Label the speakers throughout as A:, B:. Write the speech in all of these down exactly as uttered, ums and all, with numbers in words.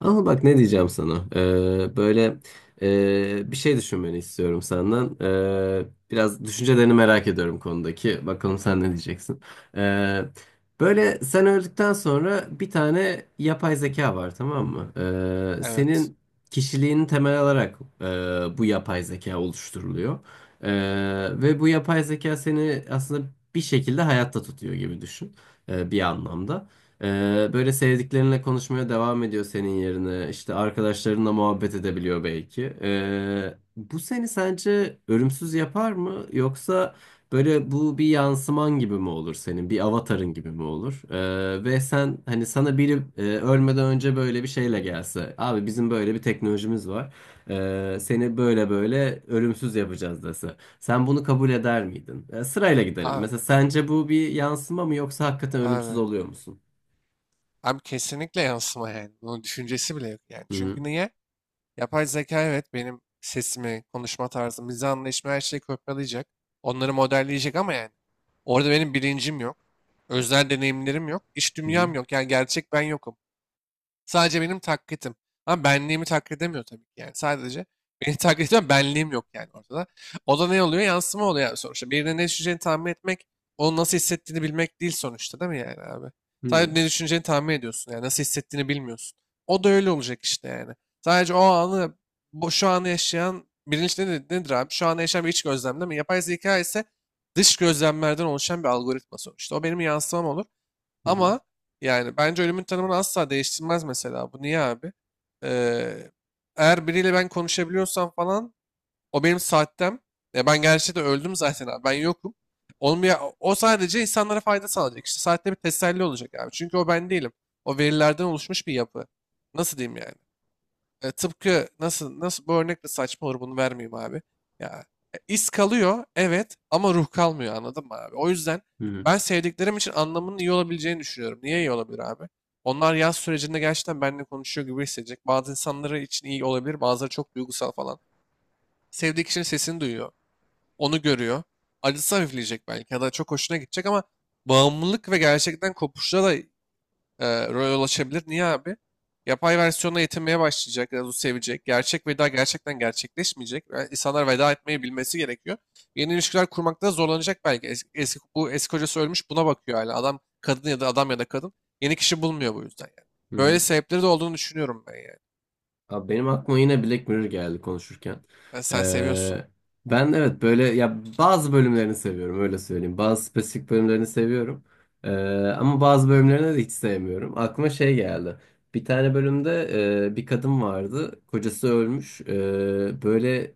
A: Ama bak ne diyeceğim sana. Ee, böyle ee, bir şey düşünmeni istiyorum senden. Ee, biraz düşüncelerini merak ediyorum konudaki. Bakalım sen ne diyeceksin. Ee, Böyle sen öldükten sonra bir tane yapay zeka var, tamam mı? Ee,
B: Evet.
A: senin kişiliğini temel alarak ee, bu yapay zeka oluşturuluyor. Ee, ve bu yapay zeka seni aslında bir şekilde hayatta tutuyor gibi düşün. Ee, bir anlamda. Ee, böyle sevdiklerinle konuşmaya devam ediyor senin yerine. İşte arkadaşlarınla muhabbet edebiliyor belki. Ee, bu seni sence ölümsüz yapar mı? Yoksa böyle bu bir yansıman gibi mi olur senin? Bir avatarın gibi mi olur? Ee, ve sen hani sana biri e, ölmeden önce böyle bir şeyle gelse. Abi bizim böyle bir teknolojimiz var. Ee, seni böyle böyle ölümsüz yapacağız dese. Sen bunu kabul eder miydin? Ee, sırayla gidelim. Mesela
B: Abi.
A: sence bu bir yansıma mı yoksa hakikaten ölümsüz
B: Abi.
A: oluyor musun?
B: Abi kesinlikle yansıma yani. Bunun düşüncesi bile yok yani.
A: Hı hı,
B: Çünkü niye? Yapay zeka evet benim sesimi, konuşma tarzımı, mizah anlayışımı her şeyi kopyalayacak. Onları modelleyecek ama yani. Orada benim bilincim yok. Özel deneyimlerim yok. İç
A: hı
B: dünyam yok. Yani gerçek ben yokum. Sadece benim taklitim. Ama benliğimi taklit edemiyor tabii ki yani. Sadece beni taklit ediyor ama benliğim yok yani ortada. O da ne oluyor? Yansıma oluyor yani sonuçta. Birine ne düşüneceğini tahmin etmek, onun nasıl hissettiğini bilmek değil sonuçta değil mi yani abi?
A: hı,
B: Sadece ne düşüneceğini tahmin ediyorsun yani. Nasıl hissettiğini bilmiyorsun. O da öyle olacak işte yani. Sadece o anı, bu, şu anı yaşayan, bilinç ne nedir abi? Şu anı yaşayan bir iç gözlem değil mi? Yapay zeka ise dış gözlemlerden oluşan bir algoritma sonuçta. O benim yansımam olur.
A: hı hı,
B: Ama yani bence ölümün tanımını asla değiştirmez mesela. Bu niye abi? Ee, Eğer biriyle ben konuşabiliyorsam falan o benim saatten. Ya ben gerçekten öldüm zaten abi. Ben yokum. Onun bir, o sadece insanlara fayda sağlayacak. İşte saatte bir teselli olacak abi. Çünkü o ben değilim. O verilerden oluşmuş bir yapı. Nasıl diyeyim yani? E, tıpkı nasıl nasıl bu örnek de saçma olur bunu vermeyeyim abi. Ya e, iz kalıyor evet ama ruh kalmıyor anladın mı abi? O yüzden
A: hı hı, hı hı,
B: ben sevdiklerim için anlamının iyi olabileceğini düşünüyorum. Niye iyi olabilir abi? Onlar yaz sürecinde gerçekten benimle konuşuyor gibi hissedecek. Bazı insanları için iyi olabilir, bazıları çok duygusal falan. Sevdiği kişinin sesini duyuyor, onu görüyor. Acısı hafifleyecek belki ya da çok hoşuna gidecek ama bağımlılık ve gerçekten kopuşla da e, rol ulaşabilir. Niye abi? Yapay versiyonla yetinmeye başlayacak, biraz sevecek. Gerçek veda gerçekten gerçekleşmeyecek. Yani insanlar veda etmeyi bilmesi gerekiyor. Yeni ilişkiler kurmakta zorlanacak belki. Es- Eski, bu eski kocası ölmüş buna bakıyor hala. Adam kadın ya da adam ya da kadın yeni kişi bulmuyor bu yüzden yani.
A: hı
B: Böyle
A: hı.
B: sebepleri de olduğunu düşünüyorum ben yani.
A: Abi benim aklıma yine Black Mirror geldi konuşurken.
B: Ben- sen seviyorsun.
A: Ee, Ben evet böyle ya bazı bölümlerini seviyorum, öyle söyleyeyim. Bazı spesifik bölümlerini seviyorum. Ee, Ama bazı bölümlerini de hiç sevmiyorum. Aklıma şey geldi. Bir tane bölümde e, bir kadın vardı. Kocası ölmüş. Ee, böyle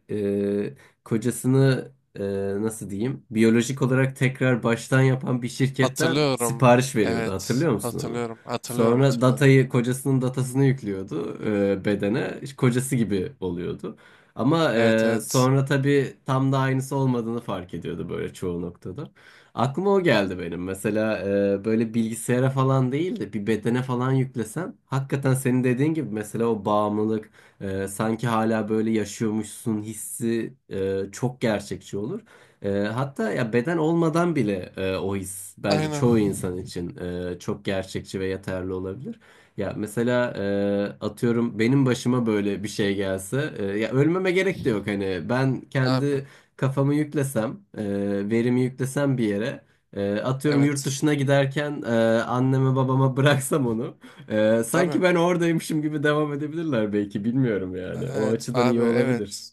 A: e, kocasını e, nasıl diyeyim? Biyolojik olarak tekrar baştan yapan bir şirketten
B: Hatırlıyorum.
A: sipariş veriyordu.
B: Evet.
A: Hatırlıyor musun onu?
B: Hatırlıyorum. Hatırlıyorum.
A: Sonra
B: Hatırlıyorum.
A: datayı, kocasının datasını yüklüyordu e, bedene. İşte kocası gibi oluyordu. Ama
B: Evet,
A: e,
B: evet.
A: sonra tabii tam da aynısı olmadığını fark ediyordu böyle çoğu noktada. Aklıma o geldi benim. Mesela e, böyle bilgisayara falan değil de bir bedene falan yüklesen, hakikaten senin dediğin gibi mesela o bağımlılık, e, sanki hala böyle yaşıyormuşsun hissi e, çok gerçekçi olur. E, hatta ya beden olmadan bile e, o his bence
B: Aynen.
A: çoğu insan için e, çok gerçekçi ve yeterli olabilir. Ya mesela e, atıyorum benim başıma böyle bir şey gelse, e, ya ölmeme gerek de yok, hani ben
B: Abi.
A: kendi kafamı yüklesem, e, verimi yüklesem bir yere, e, atıyorum yurt
B: Evet.
A: dışına giderken, e, anneme babama bıraksam onu, e, sanki
B: Tabii.
A: ben oradaymışım gibi devam edebilirler belki, bilmiyorum
B: E,
A: yani o
B: Evet
A: açıdan
B: abi,
A: iyi olabilir.
B: evet.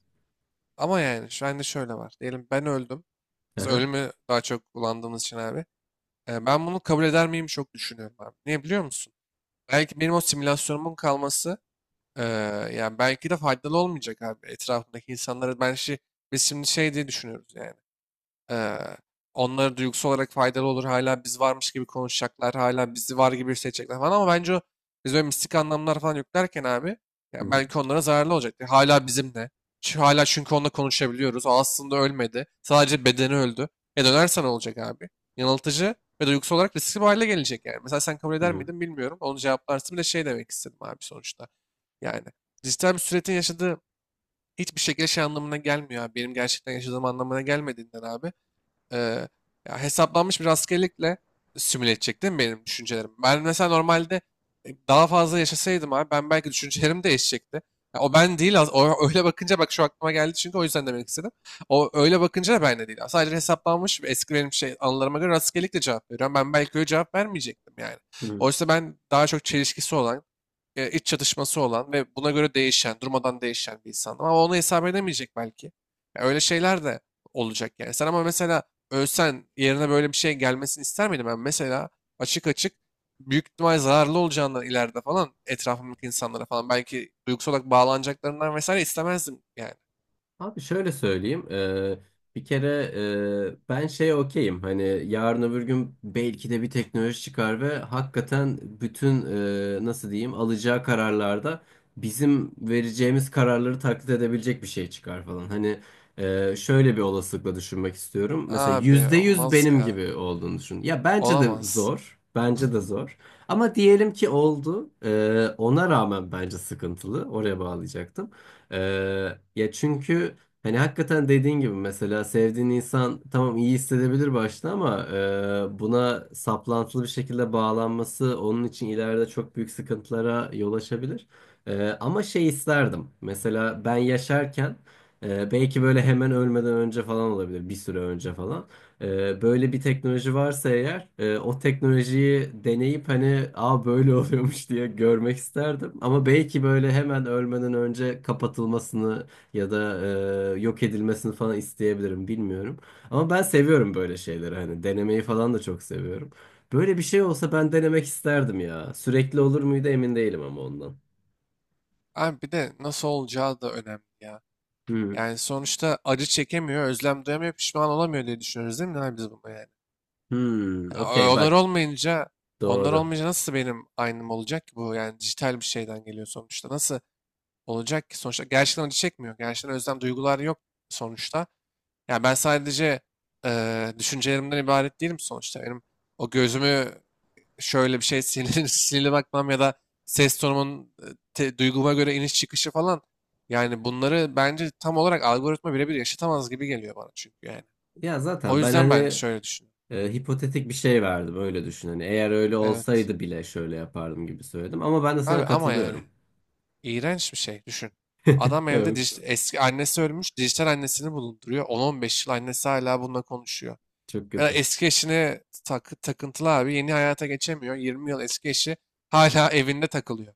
B: Ama yani şu anda şöyle var. Diyelim ben öldüm. Biz
A: Aha.
B: ölümü daha çok kullandığımız için abi. E, ben bunu kabul eder miyim çok düşünüyorum abi. Niye biliyor musun? Belki benim o simülasyonumun kalması e, yani belki de faydalı olmayacak abi. Etrafındaki insanlara ben şey, biz şimdi şey diye düşünüyoruz yani. Ee, Onlara duygusal olarak faydalı olur. Hala biz varmış gibi konuşacaklar. Hala bizi var gibi hissedecekler falan. Ama bence o biz böyle mistik anlamlar falan yüklerken abi
A: Hı
B: ya
A: hı.
B: belki onlara zararlı olacaktı. Hala bizimle. Çünkü hala çünkü onunla konuşabiliyoruz. O aslında ölmedi. Sadece bedeni öldü. E dönersen olacak abi. Yanıltıcı ve duygusal olarak riskli bir hale gelecek yani. Mesela sen kabul
A: Hı
B: eder
A: hı.
B: miydin bilmiyorum. Onu cevaplarsın. Bir de şey demek istedim abi sonuçta. Yani dijital bir süretin yaşadığı hiçbir şekilde şey anlamına gelmiyor abi. Benim gerçekten yaşadığım anlamına gelmediğinden abi, e, ya hesaplanmış bir rastgelelikle simüle edecek değil mi benim düşüncelerim? Ben mesela normalde e, daha fazla yaşasaydım abi ben belki düşüncelerim değişecekti. Ya o ben değil az- o öyle bakınca bak şu aklıma geldi çünkü o yüzden demek istedim. O öyle bakınca da ben de değil. Sadece hesaplanmış bir eski benim şey anılarıma göre rastgelelikle cevap veriyorum. Ben belki öyle cevap vermeyecektim yani.
A: Hı hı.
B: Oysa ben daha çok çelişkisi olan, e, iç çatışması olan ve buna göre değişen, durmadan değişen bir insandım. Ama onu hesap edemeyecek belki. Ya öyle şeyler de olacak yani. Sen ama mesela ölsen yerine böyle bir şey gelmesini ister miydin? Ben mesela açık açık büyük ihtimal zararlı olacağından ileride falan etrafımdaki insanlara falan belki duygusal olarak bağlanacaklarından vesaire istemezdim yani.
A: Abi şöyle söyleyeyim. Eee, bir kere eee, ben şeye okeyim. Hani yarın öbür gün belki de bir teknoloji çıkar ve hakikaten bütün eee, nasıl diyeyim, alacağı kararlarda bizim vereceğimiz kararları taklit edebilecek bir şey çıkar falan. Hani eee, şöyle bir olasılıkla düşünmek istiyorum. Mesela
B: Abi
A: yüzde yüz
B: olmaz
A: benim
B: ya.
A: gibi olduğunu düşün. Ya bence de
B: Olamaz.
A: zor. Bence de zor. Ama diyelim ki oldu. Eee, ona rağmen bence sıkıntılı. Oraya bağlayacaktım. Ee, ya çünkü hani hakikaten dediğin gibi mesela sevdiğin insan tamam iyi hissedebilir başta, ama e, buna saplantılı bir şekilde bağlanması onun için ileride çok büyük sıkıntılara yol açabilir. Ee, ama şey isterdim. Mesela ben yaşarken, e, belki böyle hemen ölmeden önce falan olabilir, bir süre önce falan. Ee, Böyle bir teknoloji varsa eğer, e, o teknolojiyi deneyip hani aa böyle oluyormuş diye görmek isterdim. Ama belki böyle hemen ölmeden önce kapatılmasını ya da e, yok edilmesini falan isteyebilirim, bilmiyorum. Ama ben seviyorum böyle şeyleri, hani denemeyi falan da çok seviyorum. Böyle bir şey olsa ben denemek isterdim ya. Sürekli olur muydu emin değilim ama ondan.
B: Abi bir de nasıl olacağı da önemli ya.
A: Hmm.
B: Yani sonuçta acı çekemiyor, özlem duyamıyor, pişman olamıyor diye düşünüyoruz değil mi abi biz bunu yani?
A: Hmm,
B: Ya, o-
A: okey
B: onlar
A: bak,
B: olmayınca, onlar
A: doğru.
B: olmayınca nasıl benim aynım olacak ki bu? Yani dijital bir şeyden geliyor sonuçta. Nasıl olacak ki sonuçta? Gerçekten acı çekmiyor. Gerçekten özlem duygular yok sonuçta. Yani ben sadece eee, düşüncelerimden ibaret değilim sonuçta. Benim o gözümü şöyle bir şey sinirli, sinirli bakmam ya da ses tonumun e, te- duyguma göre iniş çıkışı falan. Yani bunları bence tam olarak algoritma birebir yaşatamaz gibi geliyor bana çünkü yani.
A: Ya
B: O
A: zaten ben
B: yüzden ben
A: hani
B: şöyle düşünüyorum.
A: e, hipotetik bir şey verdim, öyle düşün. Hani eğer öyle
B: Evet.
A: olsaydı bile şöyle yapardım gibi söyledim. Ama ben de sana
B: Abi ama yani.
A: katılıyorum.
B: İğrenç bir şey. Düşün. Adam evde dij-
A: Evet.
B: eski annesi ölmüş, dijital annesini bulunduruyor. on on beş yıl annesi hala bununla konuşuyor.
A: Çok
B: Ya
A: kötü.
B: eski eşine tak, takıntılı abi yeni hayata geçemiyor. yirmi yıl eski eşi hala evinde takılıyor.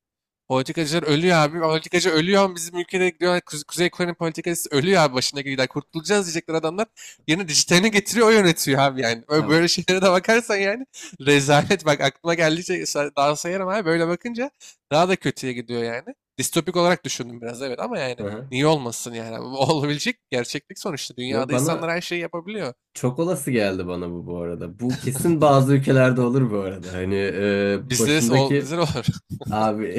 B: Politikacılar ölüyor abi. Politikacı ölüyor. Ama bizim ülkede diyor, Kuze- Kuzey Kore'nin politikacısı ölüyor abi başına gidiyor. Kurtulacağız diyecekler adamlar. Yeni dijitalini getiriyor o yönetiyor abi yani. Ö-
A: Ya,
B: Böyle şeylere de bakarsan yani rezalet. Bak aklıma geldikçe sa- daha sayarım abi. Böyle bakınca daha da kötüye gidiyor yani. Distopik olarak düşündüm biraz, evet ama yani
A: aha.
B: niye olmasın yani. Olabilecek gerçeklik sonuçta.
A: Ya
B: Dünyada insanlar
A: bana
B: her şeyi yapabiliyor.
A: çok olası geldi bana, bu bu arada. Bu kesin bazı ülkelerde olur bu arada. Hani e,
B: Bizde de ol, bizde
A: başındaki
B: de olur.
A: abi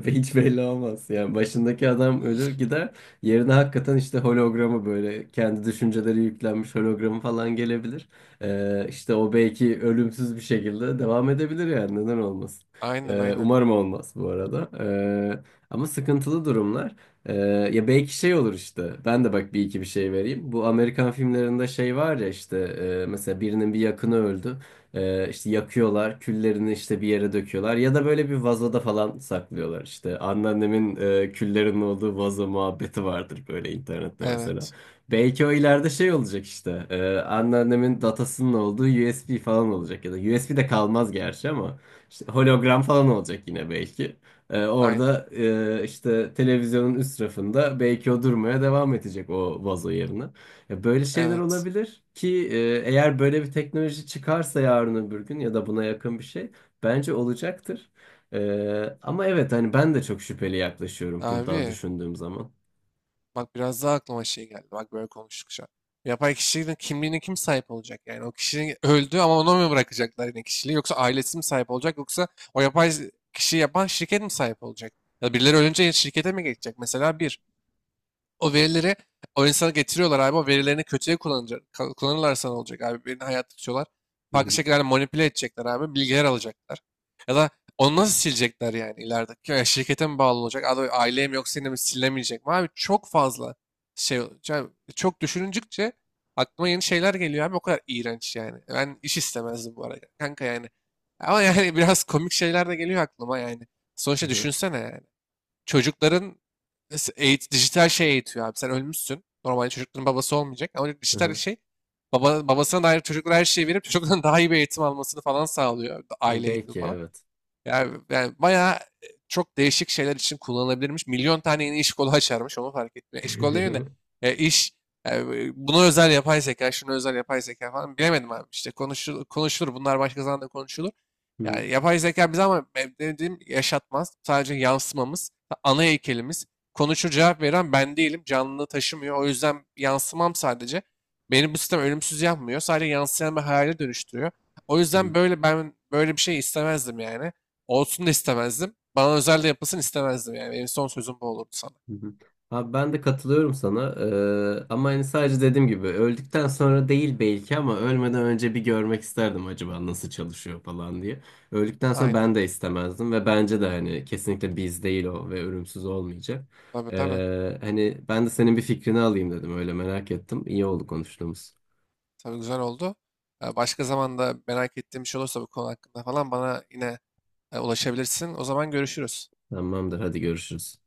A: hiç belli olmaz. Yani başındaki adam ölür gider. Yerine hakikaten işte hologramı, böyle kendi düşünceleri yüklenmiş hologramı falan gelebilir. Ee, işte o belki ölümsüz bir şekilde devam edebilir yani, neden olmasın.
B: Aynen,
A: Ee,
B: aynen.
A: umarım olmaz bu arada. Ee, ama sıkıntılı durumlar. Ee, Ya belki şey olur işte. Ben de bak bir iki bir şey vereyim. Bu Amerikan filmlerinde şey var ya işte, e, mesela birinin bir yakını öldü. Ee, işte yakıyorlar, küllerini işte bir yere döküyorlar ya da böyle bir vazoda falan saklıyorlar işte. Anneannemin e, küllerin olduğu vazo muhabbeti vardır böyle internette mesela.
B: Evet.
A: Belki o ileride şey olacak işte. E, anneannemin datasının olduğu U S B falan olacak ya da U S B de kalmaz gerçi, ama işte hologram falan olacak yine belki. E,
B: Aynen.
A: orada e, işte televizyonun üst rafında belki o durmaya devam edecek o vazo yerine. Ya böyle şeyler
B: Evet.
A: olabilir ki, e, eğer böyle bir teknoloji çıkarsa yarın öbür gün ya da buna yakın bir şey bence olacaktır. E, ama evet hani ben de çok şüpheli yaklaşıyorum buradan
B: Abi
A: düşündüğüm zaman.
B: bak biraz daha aklıma şey geldi. Bak böyle konuştuk şu an. Yapay kişinin kimliğine kim sahip olacak? Yani o kişinin öldü ama ona mı bırakacaklar yine kişiliği? Yoksa ailesi mi sahip olacak? Yoksa o yapay kişiyi yapan şirket mi sahip olacak? Ya birileri ölünce şirkete mi geçecek? Mesela bir. O verileri o insana getiriyorlar abi. O verilerini kötüye kullanacak, ka- kullanırlarsa ne olacak abi? Birini hayatta tutuyorlar.
A: Hı
B: Farklı
A: hı.
B: şekillerde manipüle edecekler abi. Bilgiler alacaklar. Ya da onu nasıl silecekler yani ileride? Ya şirkete mi bağlı olacak? Abi aileye mi yoksa yine mi silinemeyecek mi? Abi çok fazla şey olacak. Çok düşününcükçe aklıma yeni şeyler geliyor abi. O kadar iğrenç yani. Ben iş istemezdim bu arada. Kanka yani. Ama yani biraz komik şeyler de geliyor aklıma yani.
A: Hı
B: Sonuçta
A: hı.
B: düşünsene yani çocukların nasıl eğit dijital şey eğitiyor abi. Sen ölmüşsün. Normalde çocukların babası olmayacak ama
A: Hı
B: dijital
A: hı.
B: şey baba, babasına dair çocuklara her şeyi verip çocukların daha iyi bir eğitim almasını falan sağlıyor.
A: Ha,
B: Aile eğitimi
A: belki
B: falan.
A: evet.
B: Yani, yani bayağı e, çok değişik şeyler için kullanılabilirmiş. Milyon tane yeni iş kolu açarmış onu fark etmiyor. İş kolu değil de
A: Hı
B: e, iş e, buna özel yapay zeka, şuna özel yapay zeka falan bilemedim abi. İşte konuşulur, konuşulur bunlar başka zaman da konuşulur.
A: hı.
B: Yani yapay zeka bize ama ben dediğim yaşatmaz. Sadece yansımamız, ana heykelimiz. Konuşur cevap veren ben değilim. Canlılığı taşımıyor. O yüzden yansımam sadece. Beni bu sistem ölümsüz yapmıyor. Sadece yansıyan bir hayale dönüştürüyor. O
A: Hı
B: yüzden
A: hı.
B: böyle ben böyle bir şey istemezdim yani. Olsun da istemezdim. Bana özel de yapılsın istemezdim yani. Benim son sözüm bu olurdu sana.
A: Hı hı. Abi ben de katılıyorum sana. Ee, ama hani sadece dediğim gibi öldükten sonra değil belki, ama ölmeden önce bir görmek isterdim acaba nasıl çalışıyor falan diye. Öldükten sonra
B: Aynen.
A: ben de istemezdim ve bence de hani kesinlikle biz değil o, ve ölümsüz olmayacak.
B: Tabii, tabii.
A: Ee, hani ben de senin bir fikrini alayım dedim, öyle merak ettim. İyi oldu konuştuğumuz.
B: Tabii güzel oldu. Ee, Başka zaman da merak ettiğim bir şey olursa bu konu hakkında falan bana yine e, ulaşabilirsin. O zaman görüşürüz.
A: Tamamdır, hadi görüşürüz.